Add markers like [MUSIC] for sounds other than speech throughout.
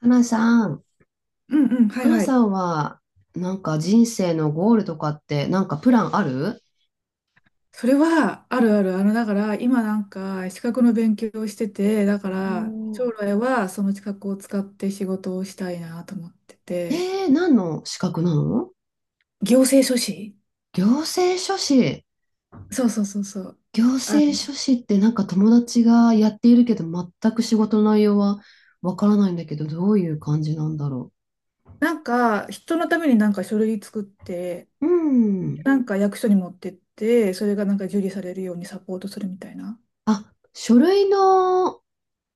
花さん、うんうん、はい花はさい。んは、なんか人生のゴールとかって、なんかプランある？それはあるある。だから、今なんか資格の勉強をしてて、だおから、将ー。来はその資格を使って仕事をしたいなと思ってて。えー、何の資格なの？行政書士。行政書士。そうそうそうそう。行あ、政書士ってなんか友達がやっているけど、全く仕事の内容はわからないんだけど、どういう感じなんだろなんか、人のためになんか書類作って、う。うん。なんか役所に持ってって、それがなんか受理されるようにサポートするみたいな。あ、書類の、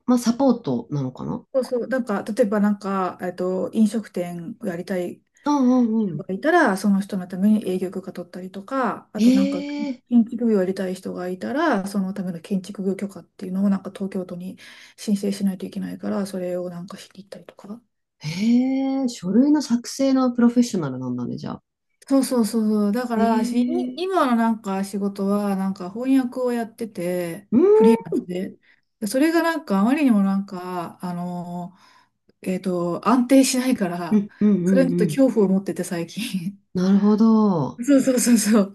まあ、サポートなのかな？そうそう。なんか、例えばなんか、飲食店をやりたいうんうんうん。がいたら、その人のために営業許可取ったりとか、あえとなんかー、建築業をやりたい人がいたら、そのための建築業許可っていうのをなんか東京都に申請しないといけないから、それをなんかしに行ったりとか。えー、書類の作成のプロフェッショナルなんだね、じゃあ。そうそうそうそう。だかえら、ー。今のなんか仕事はなんか翻訳をやってて、うーん、で、それがなんかあまりにもなんか、安定しないかうら、ん、うん、うそれにん、ちうょっとん。恐怖を持ってて最近。なるほど。[LAUGHS] そうそうそうそう。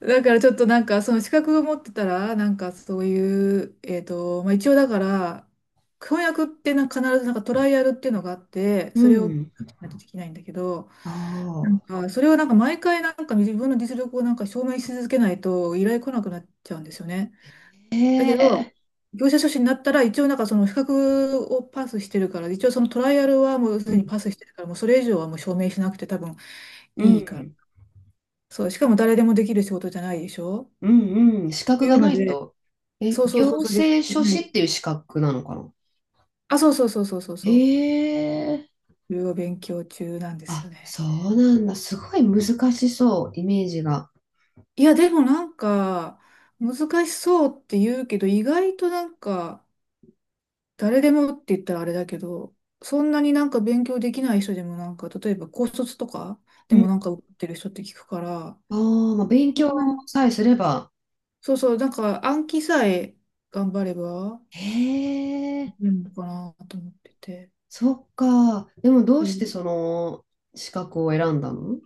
だからちょっとなんかその資格を持ってたらなんかそういう、まあ、一応だから翻訳ってな必ずなんかトライアルっていうのがあってうそれをしん。ないとできないんだけど、なあんかそれをなんか毎回なんか自分の実力をなんか証明し続けないと依頼来なくなっちゃうんですよね。あ、へだけえ。ど業者書士になったら一応なんかその資格をパスしてるから一応そのトライアルはもうすうでにん、パスしてるからもうそれ以上はもう証明しなくて多分ういいから。ん、そう、しかも誰でもできる仕事じゃないでしょっうん、うん。資格ていがうのないで、と。え、そうそうそ行うそう、で政き書な士い。っていう資格なのかな？あ、そうそうそうそうそうへそう。え。いろいろ勉強中なんですよあ、ね。そうなんだ。すごい難しそう、イメージが。いや、でもなんか、難しそうって言うけど、意外となんか、誰でもって言ったらあれだけど、そんなになんか勉強できない人でもなんか、例えば高卒とかでうもん。なんか受かってる人って聞くから、ああ、まあ、勉そ強んなさえすれば。そうそう、なんか暗記さえ頑張れば、へでえ。きるのかなと思ってて、そっか。でもどそうれしをてその資格を選んだの？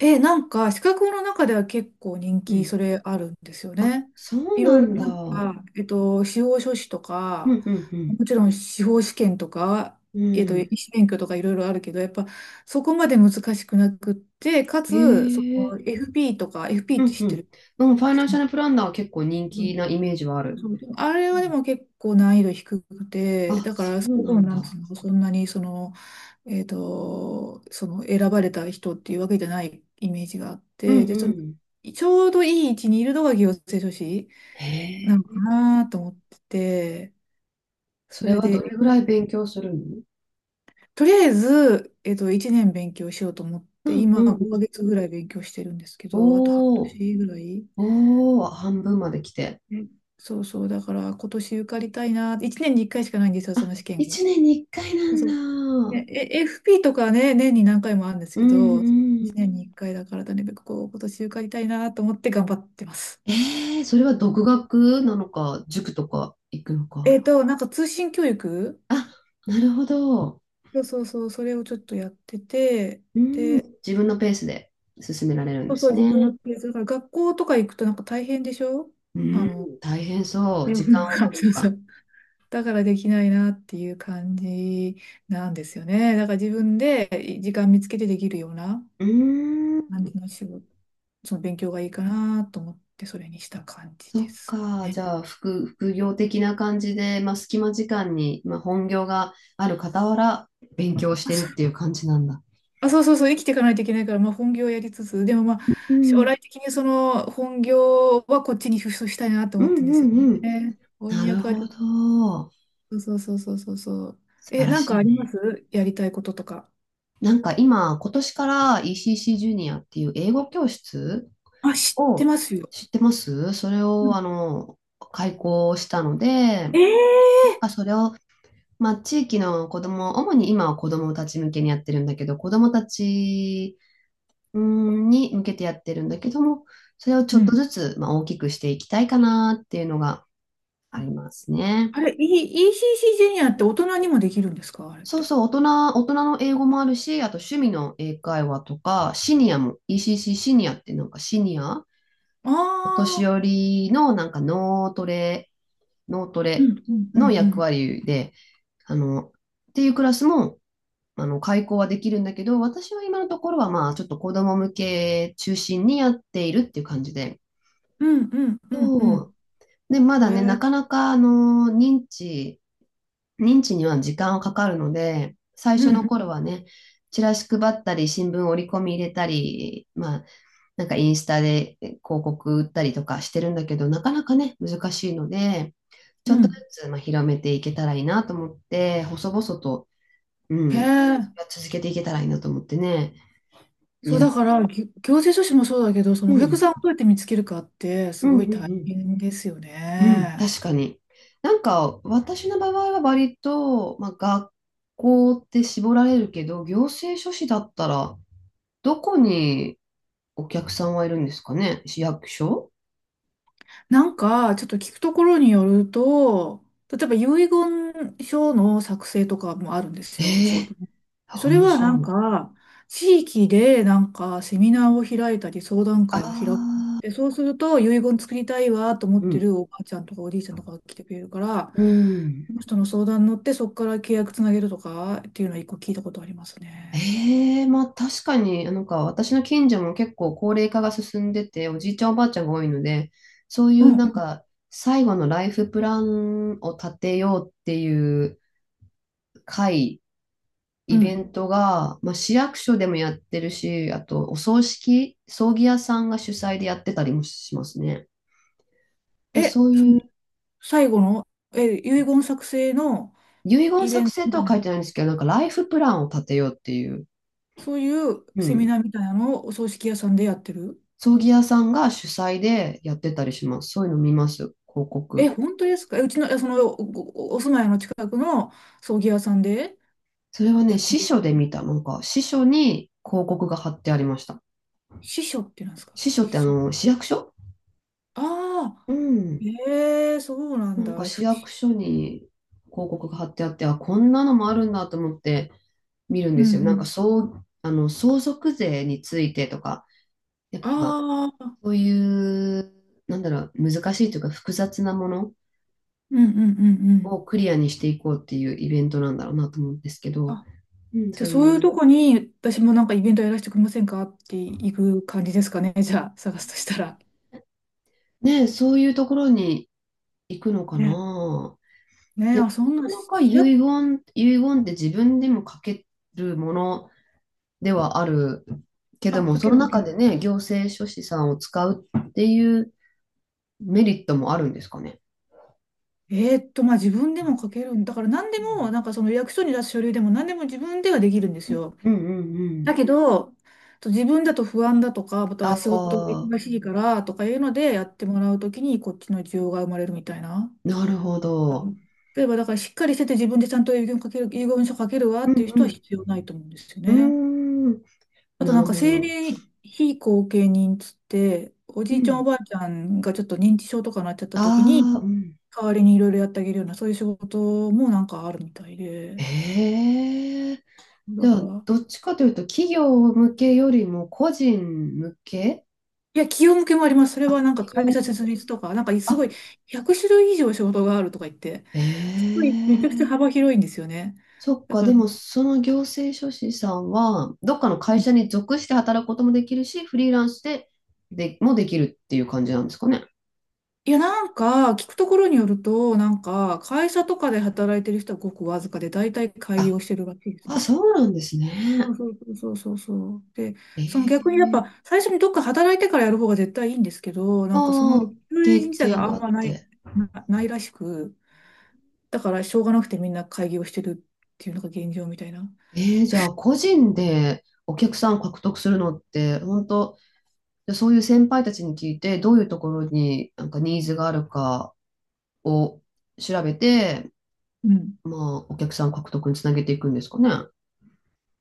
え、なんか、資格の中では結構人う気、ん。それあるんですよあ、ね。そういなろいろんだ。なんうんか、司法書士とうか、んうん。もちろん司法試験とか、うん。医師免許とかいろいろあるけど、やっぱそこまで難しくなくって、かつ、そえの え。 FP とか、FP うってん知うってん。る？でもファイナンシャルプランナーは結構人気なイメージはある。そうでもあれうん。はでも結構難易度低くて、あ、だかそらそうこなのんなんつだ。うの、そんなにその、その選ばれた人っていうわけじゃないイメージがあっうて、んで、うその、ん。ちょうどいい位置にいるのが行政書士へなのかえ。なと思ってて、そそれれはどで、れぐらい勉強するの？とりあえず、1年勉強しようと思っうて、んう今んうん。5ヶ月ぐらい勉強してるんですけど、あと半おお、年ぐらい。おお、半分まで来て。うん。そうそう、だから今年受かりたいな、1年に1回しかないんですよ、そあ、の試験が。一年に一回なんそう。だ。ねえ、FP とかね、年に何回もあるんですうけど、んう1ん。年に1回だから、とにかくこう、今年受かりたいなと思って頑張ってます。ええ、それは独学なのか、塾とか行くのか。なんか通信教育。あ、なるほど。そうそうそう、それをちょっとやってて、うん、で、自分のペースで進められるんでそうそう、す自ね。分のペース、だから学校とか行くとなんか大変でしょ？うあの、ん、大変そうう。時間ん を [LAUGHS] 取るそのうそが。う。だからできないなっていう感じなんですよね。だから自分で時間見つけてできるようなうー感ん、じの仕事。その勉強がいいかなと思って、それにした感じそでっすか。じね。ゃあ、副、副業的な感じで、まあ、隙間時間に、まあ、本業がある傍ら、勉強しあ、てるっそう てい [LAUGHS] う感じなんだ。あ、そうそうそう、生きていかないといけないから、まあ、本業をやりつつ、でもまあ、う将ん、来的にその本業はこっちにシフトしたいなとう思ん、ってるんですうよん、うん。ね。な翻る訳はちょほっど。と、そうそうそうそうそう。素え、晴らなんしかいありまね。すやりたいこととか？なんか今、今年から ECC ジュニアっていう英語教室あ、知ってをますよ。知ってます、それうをん。開講したので、えなんえ。かそれを、まあ、地域の子ども主に今は子どもたち向けにやってるんだけど、子どもたちうんに向けてやってるんだけども、それをちうょっとん。ずつ、まあ、大きくしていきたいかなっていうのがありますね。あれ、E- c c ジュニアって大人にもできるんですか、あれっそうて？そう、大人、大人の英語もあるし、あと趣味の英会話とか、シニアも、ECC シーシーシニアってなんかシニアあお年あ寄ー、りのなんか脳トレ、脳トうレんうんうのんう役ん。割で、あの、っていうクラスも、開講はできるんだけど、私は今のところは、まあ、ちょっと子供向け中心にやっているっていう感じで。うんうんうんうそう。ん。で、まえだね、なー、かなか、認知、認知には時間はかかるので、最う初のん頃はね、チラシ配ったり、新聞折り込み入れたり、まあ、なんかインスタで広告売ったりとかしてるんだけど、なかなかね、難しいので、ちょうっとずん。つまあ広めていけたらいいなと思って、細々と、うへん、え。続けていけたらいいなと思ってね、いそうだや、から、行政書士もそうだけど、そうのお客ん、さんをどうやって見つけるかって、すうん、ごいう大ん、変ですようん、うん、ね。確かに。なんか、私の場合は割と、まあ、学校って絞られるけど、行政書士だったら、どこにお客さんはいるんですかね、市役所？なんか、ちょっと聞くところによると、例えば遺言書の作成とかもあるんですえよ、仕え事に。そー、れ面はなん白い。か、地域でなんかセミナーを開いたり相談あ会を開く。あ、で、そうすると遺言作りたいわと思うってんるおばあちゃんとかおじいちゃんとかが来てくれるから、うん。その人の相談に乗ってそこから契約つなげるとかっていうのは一個聞いたことありますね。ええ、まあ確かに、なんか私の近所も結構高齢化が進んでて、おじいちゃんおばあちゃんが多いので、そういうんうなうんんか最後のライフプランを立てようっていう会、うイベん。ントが、まあ、市役所でもやってるし、あとお葬式、葬儀屋さんが主催でやってたりもしますね。だからそうそのいう最後の、遺言作成の遺言イベ作ント。成とは書いてないんですけど、なんかライフプランを立てようっていう、そういううセミん、ナーみたいなのをお葬式屋さんでやってる。葬儀屋さんが主催でやってたりします。そういうの見ます、広え、告。本当ですか？うちの、その、お住まいの近くの葬儀屋さんでそれはやね、って司る書みたいでな。見た。なんか、司書に広告が貼ってありました。司書ってなんですか？司書って司書。市役所。ああ、うん。ええ、そうなんなだ。んかうん市役所に広告が貼ってあって、あ、こんなのもあるんだと思って見るんうですよ。なんか、ん。そう、相続税についてとか、やっあぱ、あ、そういう、なんだろう、難しいというか複雑なものうんうんうんうん。をクリアにしていこうっていうイベントなんだろうなと思うんですけど、あ、うん、じゃそあうそういういうとこに私もなんかイベントやらせてくれませんかって行く感じですかね。じゃあ探すとしたら。ねえ、そういうところに行くのかね、な。ね、でも、あ、そなんかな、なしか遺言、遺言って自分でも書けるものではあるけあ、ども、かそけのるかけ中る。でね、行政書士さんを使うっていうメリットもあるんですかね。まあ自分でも書けるんだから何でうも、なんかその役所に出す書類でも何でも自分ではできるんですんよ。うんうんうだん。けど、自分だと不安だとか、またあは仕事があ、忙しいからとかいうのでやってもらうときにこっちの需要が生まれるみたいな。なるほど。例えばだからしっかりしてて自分でちゃんと遺言書ける、遺言書書けるわうっていう人はん必要ないと思うんですようね。ん。うーん、あとななんるかほ生ど。年非後見人つって、おうじいちゃんおん。ばあちゃんがちょっと認知症とかなっちゃった時に、ああ、うん。代わりにいろいろやってあげるような、そういう仕事もなんかあるみたいで。へえ。じだゃかあ、ら、どっちかというと、企業向けよりも個人向け？いや、企業向けもあります。それあ、はなんか企業会社向設け。立とか、なんかすごいあ、100種類以上仕事があるとか言って、えすごいめちゃくちゃえ。幅広いんですよね。そっだか、から、でも、うその行政書士さんは、どっかのん。会社に属して働くこともできるし、フリーランスで、でもできるっていう感じなんですかね。いや、なんか聞くところによると、なんか会社とかで働いてる人はごくわずかで、大体開あ、業してるらしいですね。あ、そうなんですそね。うそうそうそうそう。で、その逆にやええ。っぱ最初にどっか働いてからやる方が絶対いいんですけど、なんかそのあ休あ、日経自体験があがんあまっない、て。ないらしく、だからしょうがなくてみんな会議をしてるっていうのが現状みたいな。ええ、じゃあ、個人でお客さんを獲得するのって、本当でそういう先輩たちに聞いて、どういうところになんかニーズがあるかを調べて、うん。まあ、お客さん獲得につなげていくんですかね。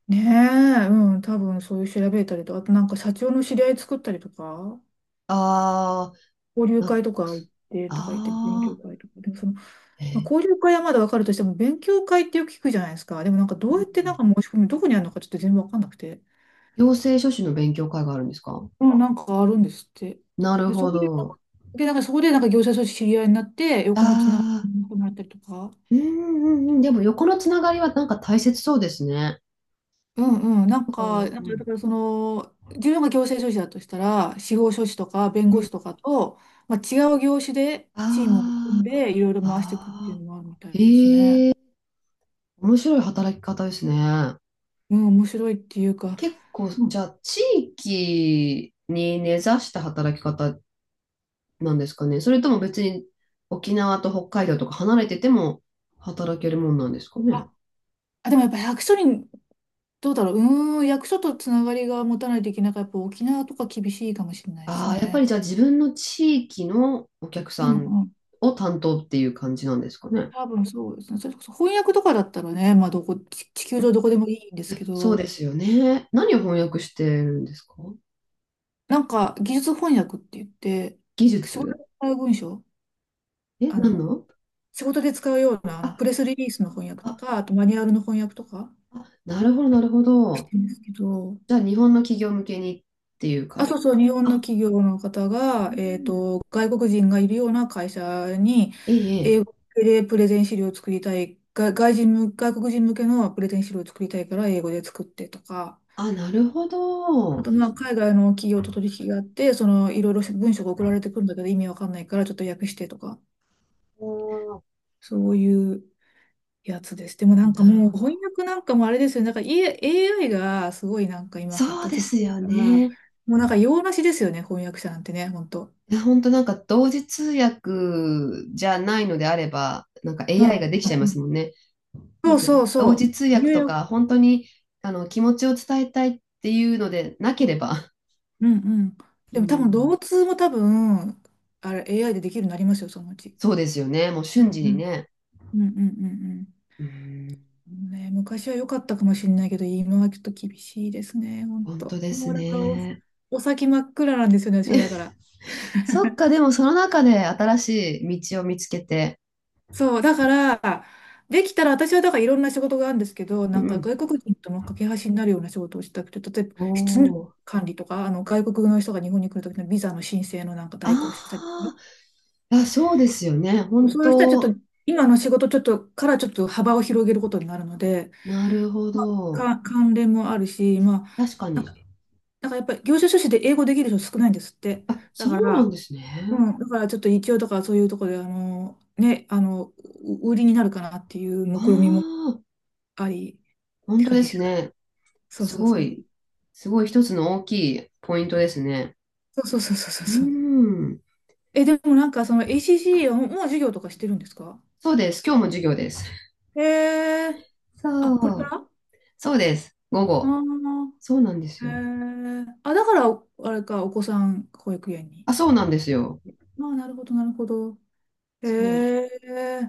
ねえ、うん、多分そういう調べたりとか、あとなんか社長の知り合い作ったりとか、あ交ー、流な、会とか行ってとか言って勉強あ会とか、でもその、まー、あ、え交流会はまだわかるとしても勉強会ってよく聞くじゃないですか。でもなんかどー、ううん。やってなんか申し込み、どこにあるのかちょっと全然わかんなくて。行政書士の勉強会があるんですか？うん、なんかあるんですって。なるで、そほこで、なんか、ど。で、なんかそこでなんか業者と知り合いになって、横のつながああ、りがなくなったりとか。うんうんうん。でも横のつながりはなんか大切そうですね。うんうん、なんなんか、か、なんうかだん。からその、自分が行政書士だとしたら、司法書士とか弁う護ん。士とかと、まあ、違う業種でチームを組あんあ、で、いろいろ回していくっていうああ、のもあるみたいですね。ええ、面白い働き方ですね。うん、面白いっていうか、結構、うじゃん、あ、地域に根ざした働き方なんですかね。それとも別に沖縄と北海道とか離れてても働けるもんなんですかね。あ、あでもやっぱ役所に、どうだろう、役所とつながりが持たないといけないから、やっぱ沖縄とか厳しいかもしれないですああ、やっぱりね。じゃあ自分の地域のお客うさんん、を担当っていう感じなんですかね。多分そうですね。それこそ翻訳とかだったらね、まあどこ、地球上どこでもいいんでいすやけそうど、ですよね。何を翻訳してるんですか？なんか技術翻訳って言って、技仕事術。で使う文章、え、あ何の、の？仕事で使うようなあのプあ、レスリリースの翻訳とあ、か、あとマニュアルの翻訳とかあ、なるほど、なるほしてど。るんですけど、じゃあ、日本の企業向けにっていうあ、感そじ。うそう、日本のあ、企業の方うが、ん。外国人がいるような会社に、ええ、英え語え、でプレゼン資料を作りたい、が外人向、外国人向けのプレゼン資料を作りたいから英語で作ってとか、あ、なるほあど。と、まあ、海外の企業と取引があって、いろいろ文章が送られてくるんだけど、意味わかんないから、ちょっと訳してとか、おそういうやつです。でもなー、んかなるもう、ほ翻ど。訳なんかもあれですよね。なんか、 AI がすごいなんか今発そうで達しすてるよから、もね。うなんか用なしですよね、翻訳者なんてね、本当。いや本当なんか同時通訳じゃないのであれば、なんか う AI ん。ができうちゃいますもん、んね。そなんうかそう同そ時通う。訳入と力。か、本当にあの気持ちを伝えたいっていうのでなければ、うんうん。[LAUGHS] うでも多分、ん、同通も多分、あれ、AI でできるようになりますよ、そのうち。そうですよね。もうう瞬ん時うにん。ね。うんうんうんうん。うん、ね、昔は良かったかもしれないけど、今はちょっと厳しいですね、本本当当。でもすうだからお、ね。お先真っ暗なんですよね、[LAUGHS] 私はだえ、から。そっか、でもその中で新しい道を見つけて。そう、だから、できたら私はだからいろんな仕事があるんですけど、うんなんうかん。外国人との架け橋になるような仕事をしたくて、例えばお出入国お。管理とか、あの外国の人が日本に来るときのビザの申請のなんか代行をしたりとかね、ああ、そうですよね。本そういう人はちょっと当。今の仕事ちょっとからちょっと幅を広げることになるので、なるほまあ、ど。関連もあるし、まあ、確かに。だからやっぱり業種書士で英語できる人少ないんですって。あ、だそかうなんら、ですね。うん、だからちょっと一応だからそういうところで、あの、ね、あの、売りになるかなっていうあ目論見もあ、ありっ本て当感でじですすかね。ね。そうすそうごそう。い、すごい一つの大きいポイントですね。そうそうそうそうそううーそう。ん。え、でもなんかその ACCA はもう授業とかしてるんですか。そうです。今日も授業です。へえ。あ、これかそらう。あ、そうです。午あ後。そうなんですー、よ。へえ。あ、だから、あれか、お子さん保育園に。あ、そうなんですよ。まあ、なるほど、なるほど。へそう。え。